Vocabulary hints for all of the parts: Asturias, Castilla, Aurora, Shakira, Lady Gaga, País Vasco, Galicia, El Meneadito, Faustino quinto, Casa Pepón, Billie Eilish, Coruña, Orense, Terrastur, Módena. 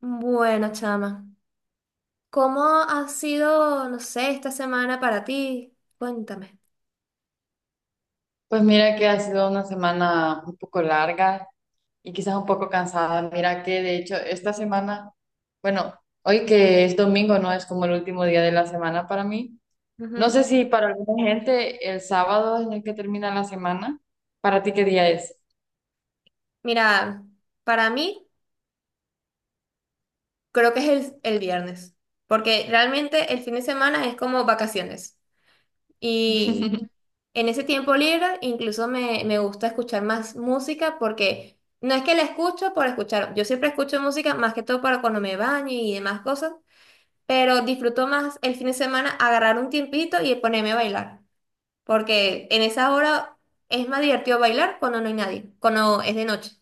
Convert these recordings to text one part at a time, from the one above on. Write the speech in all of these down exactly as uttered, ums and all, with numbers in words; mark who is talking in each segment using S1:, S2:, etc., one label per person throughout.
S1: Bueno, chama, ¿cómo ha sido, no sé, esta semana para ti? Cuéntame.
S2: Pues mira que ha sido una semana un poco larga y quizás un poco cansada. Mira que de hecho esta semana, bueno, hoy que es domingo, no es como el último día de la semana para mí. No
S1: Ujú.
S2: sé si para alguna gente el sábado es el que termina la semana. ¿Para ti qué día es?
S1: Mira, para mí creo que es el, el viernes, porque realmente el fin de semana es como vacaciones. Y en ese tiempo libre incluso me, me gusta escuchar más música porque no es que la escucho por escuchar, yo siempre escucho música más que todo para cuando me baño y demás cosas, pero disfruto más el fin de semana agarrar un tiempito y ponerme a bailar. Porque en esa hora es más divertido bailar cuando no hay nadie, cuando es de noche.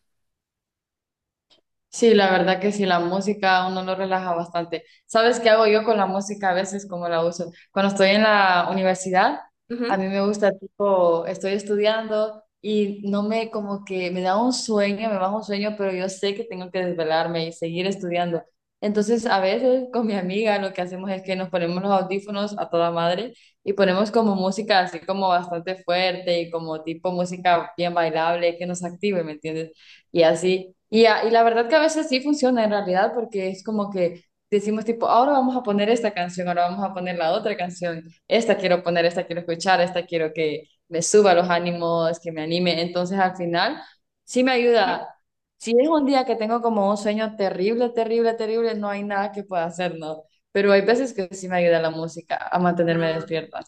S2: Sí, la verdad que sí, la música a uno lo relaja bastante. ¿Sabes qué hago yo con la música a veces, cómo la uso? Cuando estoy en la universidad, a mí
S1: Ujú.
S2: me gusta, tipo, estoy estudiando y no me, como que me da un sueño, me baja un sueño, pero yo sé que tengo que desvelarme y seguir estudiando. Entonces, a veces con mi amiga lo que hacemos es que nos ponemos los audífonos a toda madre y ponemos como música así como bastante fuerte y como tipo música bien bailable que nos active, ¿me entiendes? Y así. Y, a- y la verdad que a veces sí funciona en realidad porque es como que decimos tipo, ahora vamos a poner esta canción, ahora vamos a poner la otra canción, esta quiero poner, esta quiero escuchar, esta quiero que me suba los ánimos, que me anime. Entonces al final sí me ayuda. Si es un día que tengo como un sueño terrible, terrible, terrible, no hay nada que pueda hacer, ¿no? Pero hay veces que sí me ayuda la música a mantenerme
S1: Ah.
S2: despierta.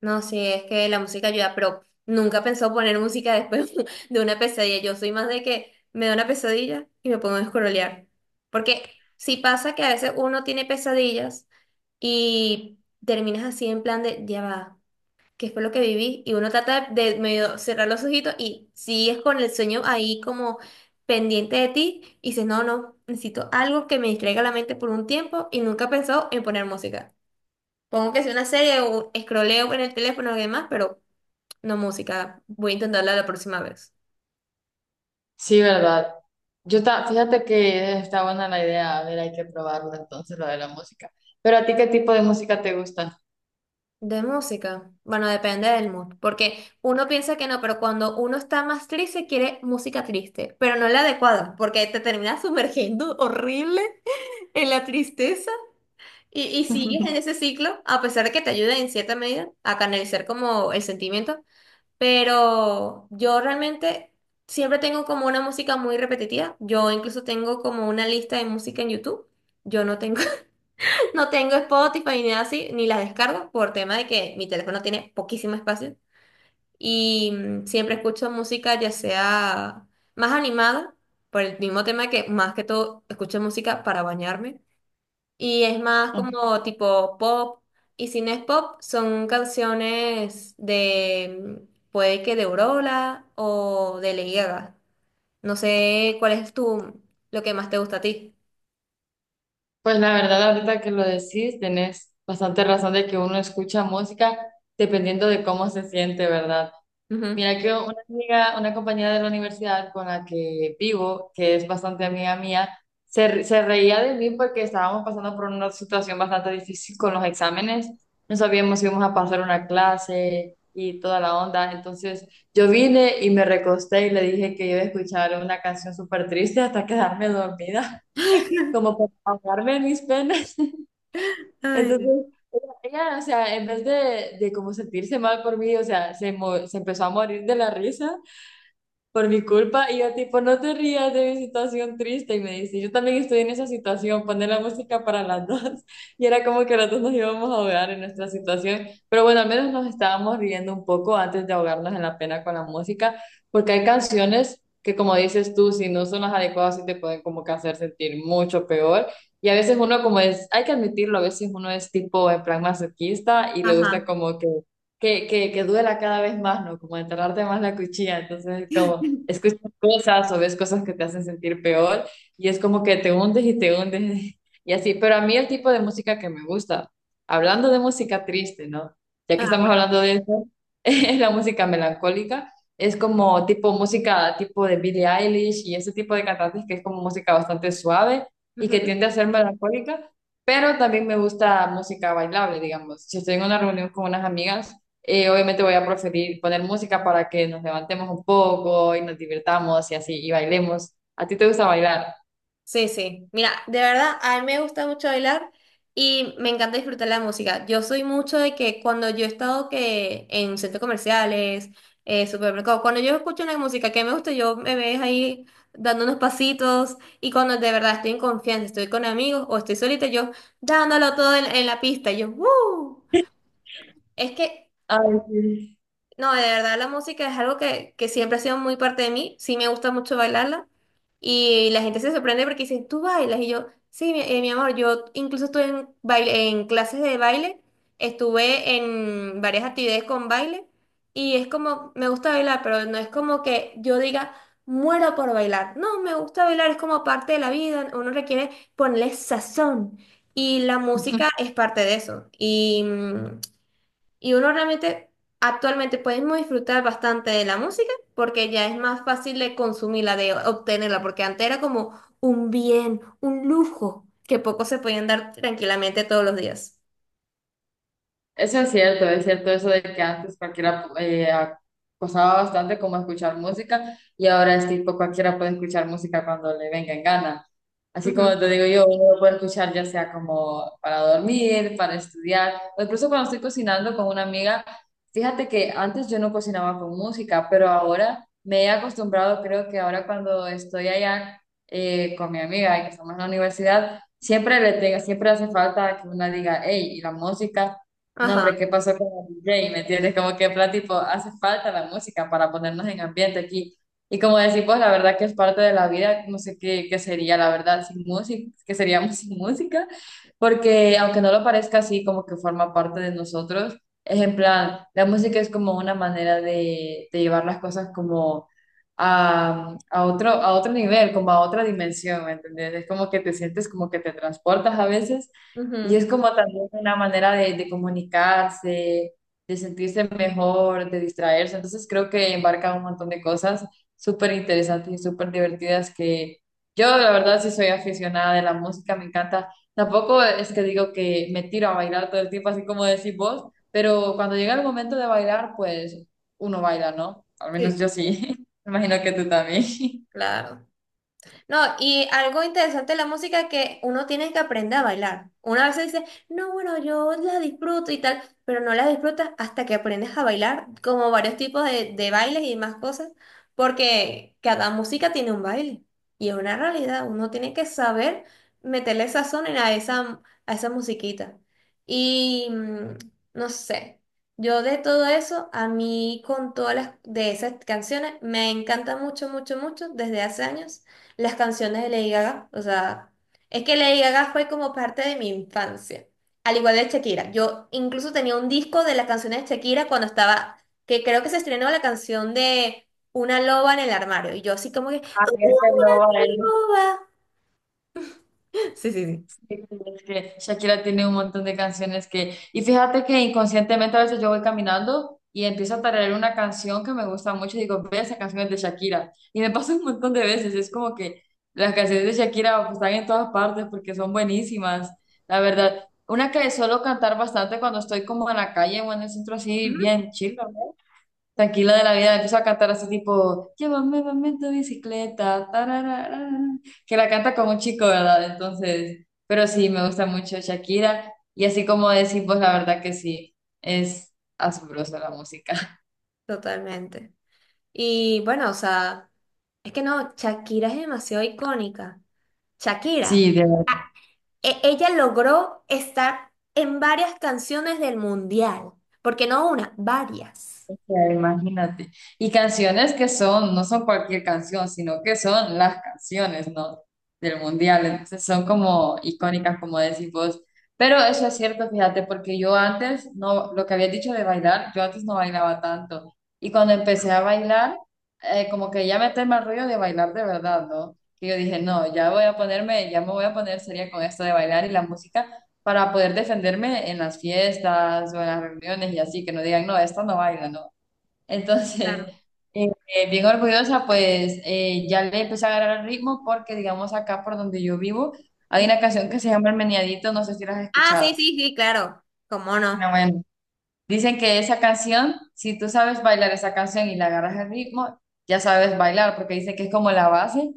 S1: No, sí, es que la música ayuda, pero nunca pensó poner música después de una pesadilla. Yo soy más de que me da una pesadilla y me pongo a escrolear. Porque sí pasa que a veces uno tiene pesadillas y terminas así en plan de, ya va. Que fue lo que viví, y uno trata de medio cerrar los ojitos y sigues con el sueño ahí como pendiente de ti y dices, no, no, necesito algo que me distraiga la mente por un tiempo y nunca he pensado en poner música. Pongo que sea una serie o escroleo en el teléfono y demás, pero no música. Voy a intentarla la próxima vez.
S2: Sí, ¿verdad? Yo ta- fíjate que está buena la idea, a ver, hay que probarlo entonces lo de la música. Pero a ti, ¿qué tipo de música te gusta?
S1: De música. Bueno, depende del mood, porque uno piensa que no, pero cuando uno está más triste quiere música triste, pero no la adecuada, porque te terminas sumergiendo horrible en la tristeza. Y, y sigues en ese ciclo, a pesar de que te ayuda en cierta medida a canalizar como el sentimiento, pero yo realmente siempre tengo como una música muy repetitiva. Yo incluso tengo como una lista de música en YouTube. Yo no tengo, no tengo Spotify ni nada así, ni las descargo por tema de que mi teléfono tiene poquísimo espacio. Y mm, siempre escucho música ya sea más animada, por el mismo tema que más que todo escucho música para bañarme y es más como tipo pop. Y si no es pop, son canciones de, mm, puede que de Aurora o de Lady Gaga. No sé cuál es tu, lo que más te gusta a ti.
S2: Pues la verdad, ahorita que lo decís, tenés bastante razón de que uno escucha música dependiendo de cómo se siente, ¿verdad?
S1: Ujú.
S2: Mira que una amiga, una compañera de la universidad con la que vivo, que es bastante amiga mía, se, re- se reía de mí porque estábamos pasando por una situación bastante difícil con los exámenes. No sabíamos si íbamos a pasar una clase y toda la onda. Entonces yo vine y me recosté y le dije que iba a escuchar una canción súper triste hasta quedarme dormida, como para ahogarme en mis penas.
S1: Ay,
S2: Entonces ella, o sea, en vez de, de como sentirse mal por mí, o sea, se, mo- se empezó a morir de la risa por mi culpa. Y yo tipo, no te rías de mi situación triste. Y me dice, yo también estoy en esa situación, poner la música para las dos. Y era como que las dos nos íbamos a ahogar en nuestra situación. Pero bueno, al menos nos estábamos riendo un poco antes de ahogarnos en la pena con la música, porque hay canciones que como dices tú, si no son las adecuadas, sí te pueden como que hacer sentir mucho peor. Y a veces uno como es, hay que admitirlo, a veces uno es tipo en plan masoquista y le gusta
S1: ajá.
S2: como que que, que, que duela cada vez más, ¿no? Como enterrarte más la cuchilla. Entonces, como escuchas cosas o ves cosas que te hacen sentir peor y es como que te hundes y te hundes y así. Pero a mí el tipo de música que me gusta, hablando de música triste, ¿no? Ya que estamos hablando de eso, es la música melancólica. Es como tipo música tipo de Billie Eilish y ese tipo de cantantes que es como música bastante suave y que
S1: Ajá.
S2: tiende a ser melancólica, pero también me gusta música bailable, digamos. Si estoy en una reunión con unas amigas, eh, obviamente voy a preferir poner música para que nos levantemos un poco y nos divirtamos y así, y bailemos. ¿A ti te gusta bailar?
S1: Sí, sí. Mira, de verdad, a mí me gusta mucho bailar y me encanta disfrutar la música. Yo soy mucho de que cuando yo he estado que en centros comerciales, eh, supermercados, cuando yo escucho una música que me gusta, yo me ves ahí dando unos pasitos y cuando de verdad estoy en confianza, estoy con amigos o estoy solita, yo dándolo todo en, en la pista, y yo, ¡uh! Es que
S2: Ay, sí.
S1: no, de verdad la música es algo que, que siempre ha sido muy parte de mí. Sí me gusta mucho bailarla. Y la gente se sorprende porque dicen, ¿tú bailas? Y yo, sí, mi, eh, mi amor, yo incluso estuve en, baile, en clases de baile, estuve en varias actividades con baile. Y es como, me gusta bailar, pero no es como que yo diga, muero por bailar. No, me gusta bailar, es como parte de la vida. Uno requiere ponerle sazón. Y la música es parte de eso. Y mm, y uno realmente actualmente podemos disfrutar bastante de la música porque ya es más fácil de consumirla, de obtenerla, porque antes era como un bien, un lujo que pocos se podían dar tranquilamente todos los días.
S2: Eso es cierto, es cierto eso de que antes cualquiera eh, acosaba bastante como escuchar música y ahora es tipo cualquiera puede escuchar música cuando le venga en gana. Así
S1: Ujú.
S2: como te digo yo, uno lo puede escuchar ya sea como para dormir, para estudiar, o incluso cuando estoy cocinando con una amiga, fíjate que antes yo no cocinaba con música, pero ahora me he acostumbrado, creo que ahora cuando estoy allá eh, con mi amiga y que estamos en la universidad, siempre le tengo, siempre hace falta que una diga, hey, y la música. No,
S1: Ajá.
S2: hombre, ¿qué pasó con el D J? ¿Me entiendes? Como que en plan, tipo, hace falta la música para ponernos en ambiente aquí. Y como decís, pues la verdad que es parte de la vida, no sé qué, qué sería, la verdad, sin música, que seríamos sin música, porque aunque no lo parezca así, como que forma parte de nosotros, es en plan, la música es como una manera de, de llevar las cosas como a, a otro, a otro nivel, como a otra dimensión, ¿me entiendes? Es como que te sientes como que te transportas a veces y
S1: Ujú.
S2: es como también una manera de, de comunicarse, de sentirse mejor, de distraerse. Entonces creo que embarca un montón de cosas súper interesantes y súper divertidas que yo la verdad sí soy aficionada de la música, me encanta. Tampoco es que digo que me tiro a bailar todo el tiempo, así como decís vos, pero cuando llega el momento de bailar, pues uno baila, ¿no? Al menos
S1: Sí,
S2: yo sí. Me imagino que tú también.
S1: claro. No, y algo interesante de la música que uno tiene que aprender a bailar. Una vez dice, no, bueno, yo la disfruto y tal, pero no la disfrutas hasta que aprendes a bailar, como varios tipos de, de bailes y más cosas, porque cada música tiene un baile y es una realidad. Uno tiene que saber meterle sazón en a esa, a esa musiquita. Y mm, no sé, yo de todo eso, a mí con todas las de esas canciones, me encanta mucho, mucho, mucho desde hace años las canciones de Lady Gaga. O sea, es que Lady Gaga fue como parte de mi infancia. Al igual de Shakira. Yo incluso tenía un disco de las canciones de Shakira cuando estaba, que creo que se estrenó la canción de Una loba en el armario. Y yo así como que,
S2: Ay, este
S1: "Una
S2: no baila.
S1: loba". Sí, sí, sí.
S2: Sí, es que Shakira tiene un montón de canciones que... Y fíjate que inconscientemente a veces yo voy caminando y empiezo a tararear una canción que me gusta mucho y digo, ve, esa canción es de Shakira. Y me pasa un montón de veces. Es como que las canciones de Shakira pues, están en todas partes porque son buenísimas, la verdad. Una que suelo cantar bastante cuando estoy como en la calle o en el centro así,
S1: Ujú.
S2: bien chill, tranquila de la vida, empiezo a cantar así tipo, llévame, mami, en tu bicicleta, tararara, que la canta como un chico, ¿verdad? Entonces, pero sí, me gusta mucho Shakira, y así como decimos, la verdad que sí, es asombrosa la música.
S1: Totalmente. Y bueno, o sea, es que no, Shakira es demasiado icónica. Shakira.
S2: Sí, de
S1: E- ella logró estar en varias canciones del mundial, porque no una, varias.
S2: sea, imagínate. Y canciones que son, no son cualquier canción, sino que son las canciones, ¿no? Del mundial. Entonces son como icónicas, como decís vos. Pero eso es cierto, fíjate, porque yo antes, no, lo que había dicho de bailar, yo antes no bailaba tanto. Y cuando empecé a bailar, eh, como que ya me tema el rollo de bailar de verdad, ¿no? Que yo dije, no, ya voy a ponerme, ya me voy a poner seria con esto de bailar y la música para poder defenderme en las fiestas o en las reuniones y así, que no digan, no, esta no baila, no. Entonces,
S1: Claro.
S2: eh, eh, bien orgullosa, pues eh, ya le empecé a agarrar el ritmo porque, digamos, acá por donde yo vivo, hay una canción que se llama El Meneadito, no sé si la has
S1: Ah, sí,
S2: escuchado.
S1: sí, sí, claro. ¿Cómo
S2: No,
S1: no?
S2: bueno. Dicen que esa canción, si tú sabes bailar esa canción y le agarras el ritmo, ya sabes bailar, porque dice que es como la base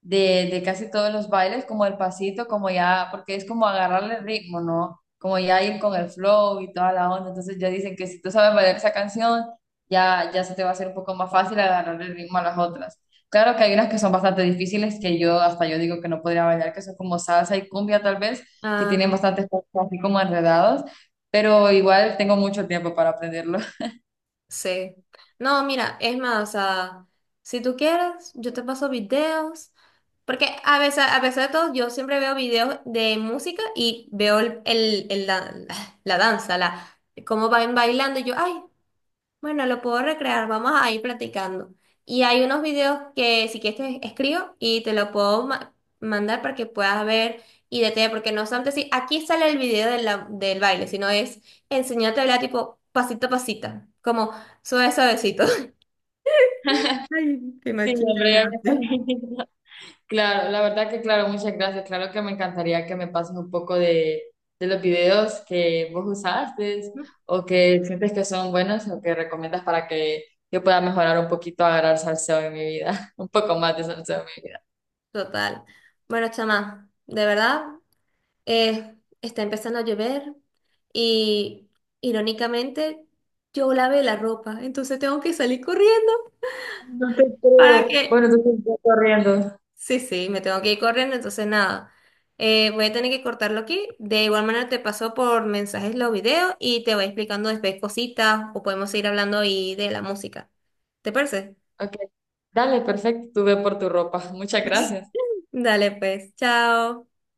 S2: de, de casi todos los bailes, como el pasito, como ya, porque es como agarrarle el ritmo, ¿no? Como ya ir con el flow y toda la onda. Entonces ya dicen que si tú sabes bailar esa canción, ya, ya se te va a hacer un poco más fácil agarrar el ritmo a las otras. Claro que hay unas que son bastante difíciles que yo, hasta yo digo que no podría bailar, que son como salsa y cumbia tal vez, que tienen
S1: Ah,
S2: bastantes puntos así como enredados, pero igual tengo mucho tiempo para aprenderlo.
S1: sí. No, mira, es más, o sea, si tú quieres, yo te paso videos. Porque a veces, a pesar de todo, yo siempre veo videos de música y veo el, el- el dan- la, la danza, la, cómo van bailando. Y yo, ay, bueno, lo puedo recrear, vamos a ir platicando. Y hay unos videos que si quieres te escribo y te lo puedo ma- mandar para que puedas ver y detallar, porque no solamente si aquí sale el video de la- del baile, sino es enseñarte a bailar tipo pasito a pasito, como suave suavecito. Ay, qué
S2: Sí,
S1: machista
S2: hombre, ya me
S1: grande.
S2: imagino. Claro, la verdad que claro, muchas gracias. Claro que me encantaría que me pases un poco de, de los videos que vos usaste o que sientes que son buenos o que recomiendas para que yo pueda mejorar un poquito, agarrar salseo en mi vida, un poco más de salseo en mi vida.
S1: Total. Bueno, chama, de verdad, eh, está empezando a llover y irónicamente yo lavé la ropa, entonces tengo que salir corriendo.
S2: No te
S1: Para
S2: creo.
S1: que,
S2: Bueno, entonces estoy corriendo.
S1: sí, sí, me tengo que ir corriendo, entonces nada, Eh, voy a tener que cortarlo aquí. De igual manera te paso por mensajes los videos y te voy explicando después cositas o podemos seguir hablando ahí de la música. ¿Te parece?
S2: Ok, dale, perfecto, tú ve por tu ropa. Muchas gracias.
S1: Dale pues, chao.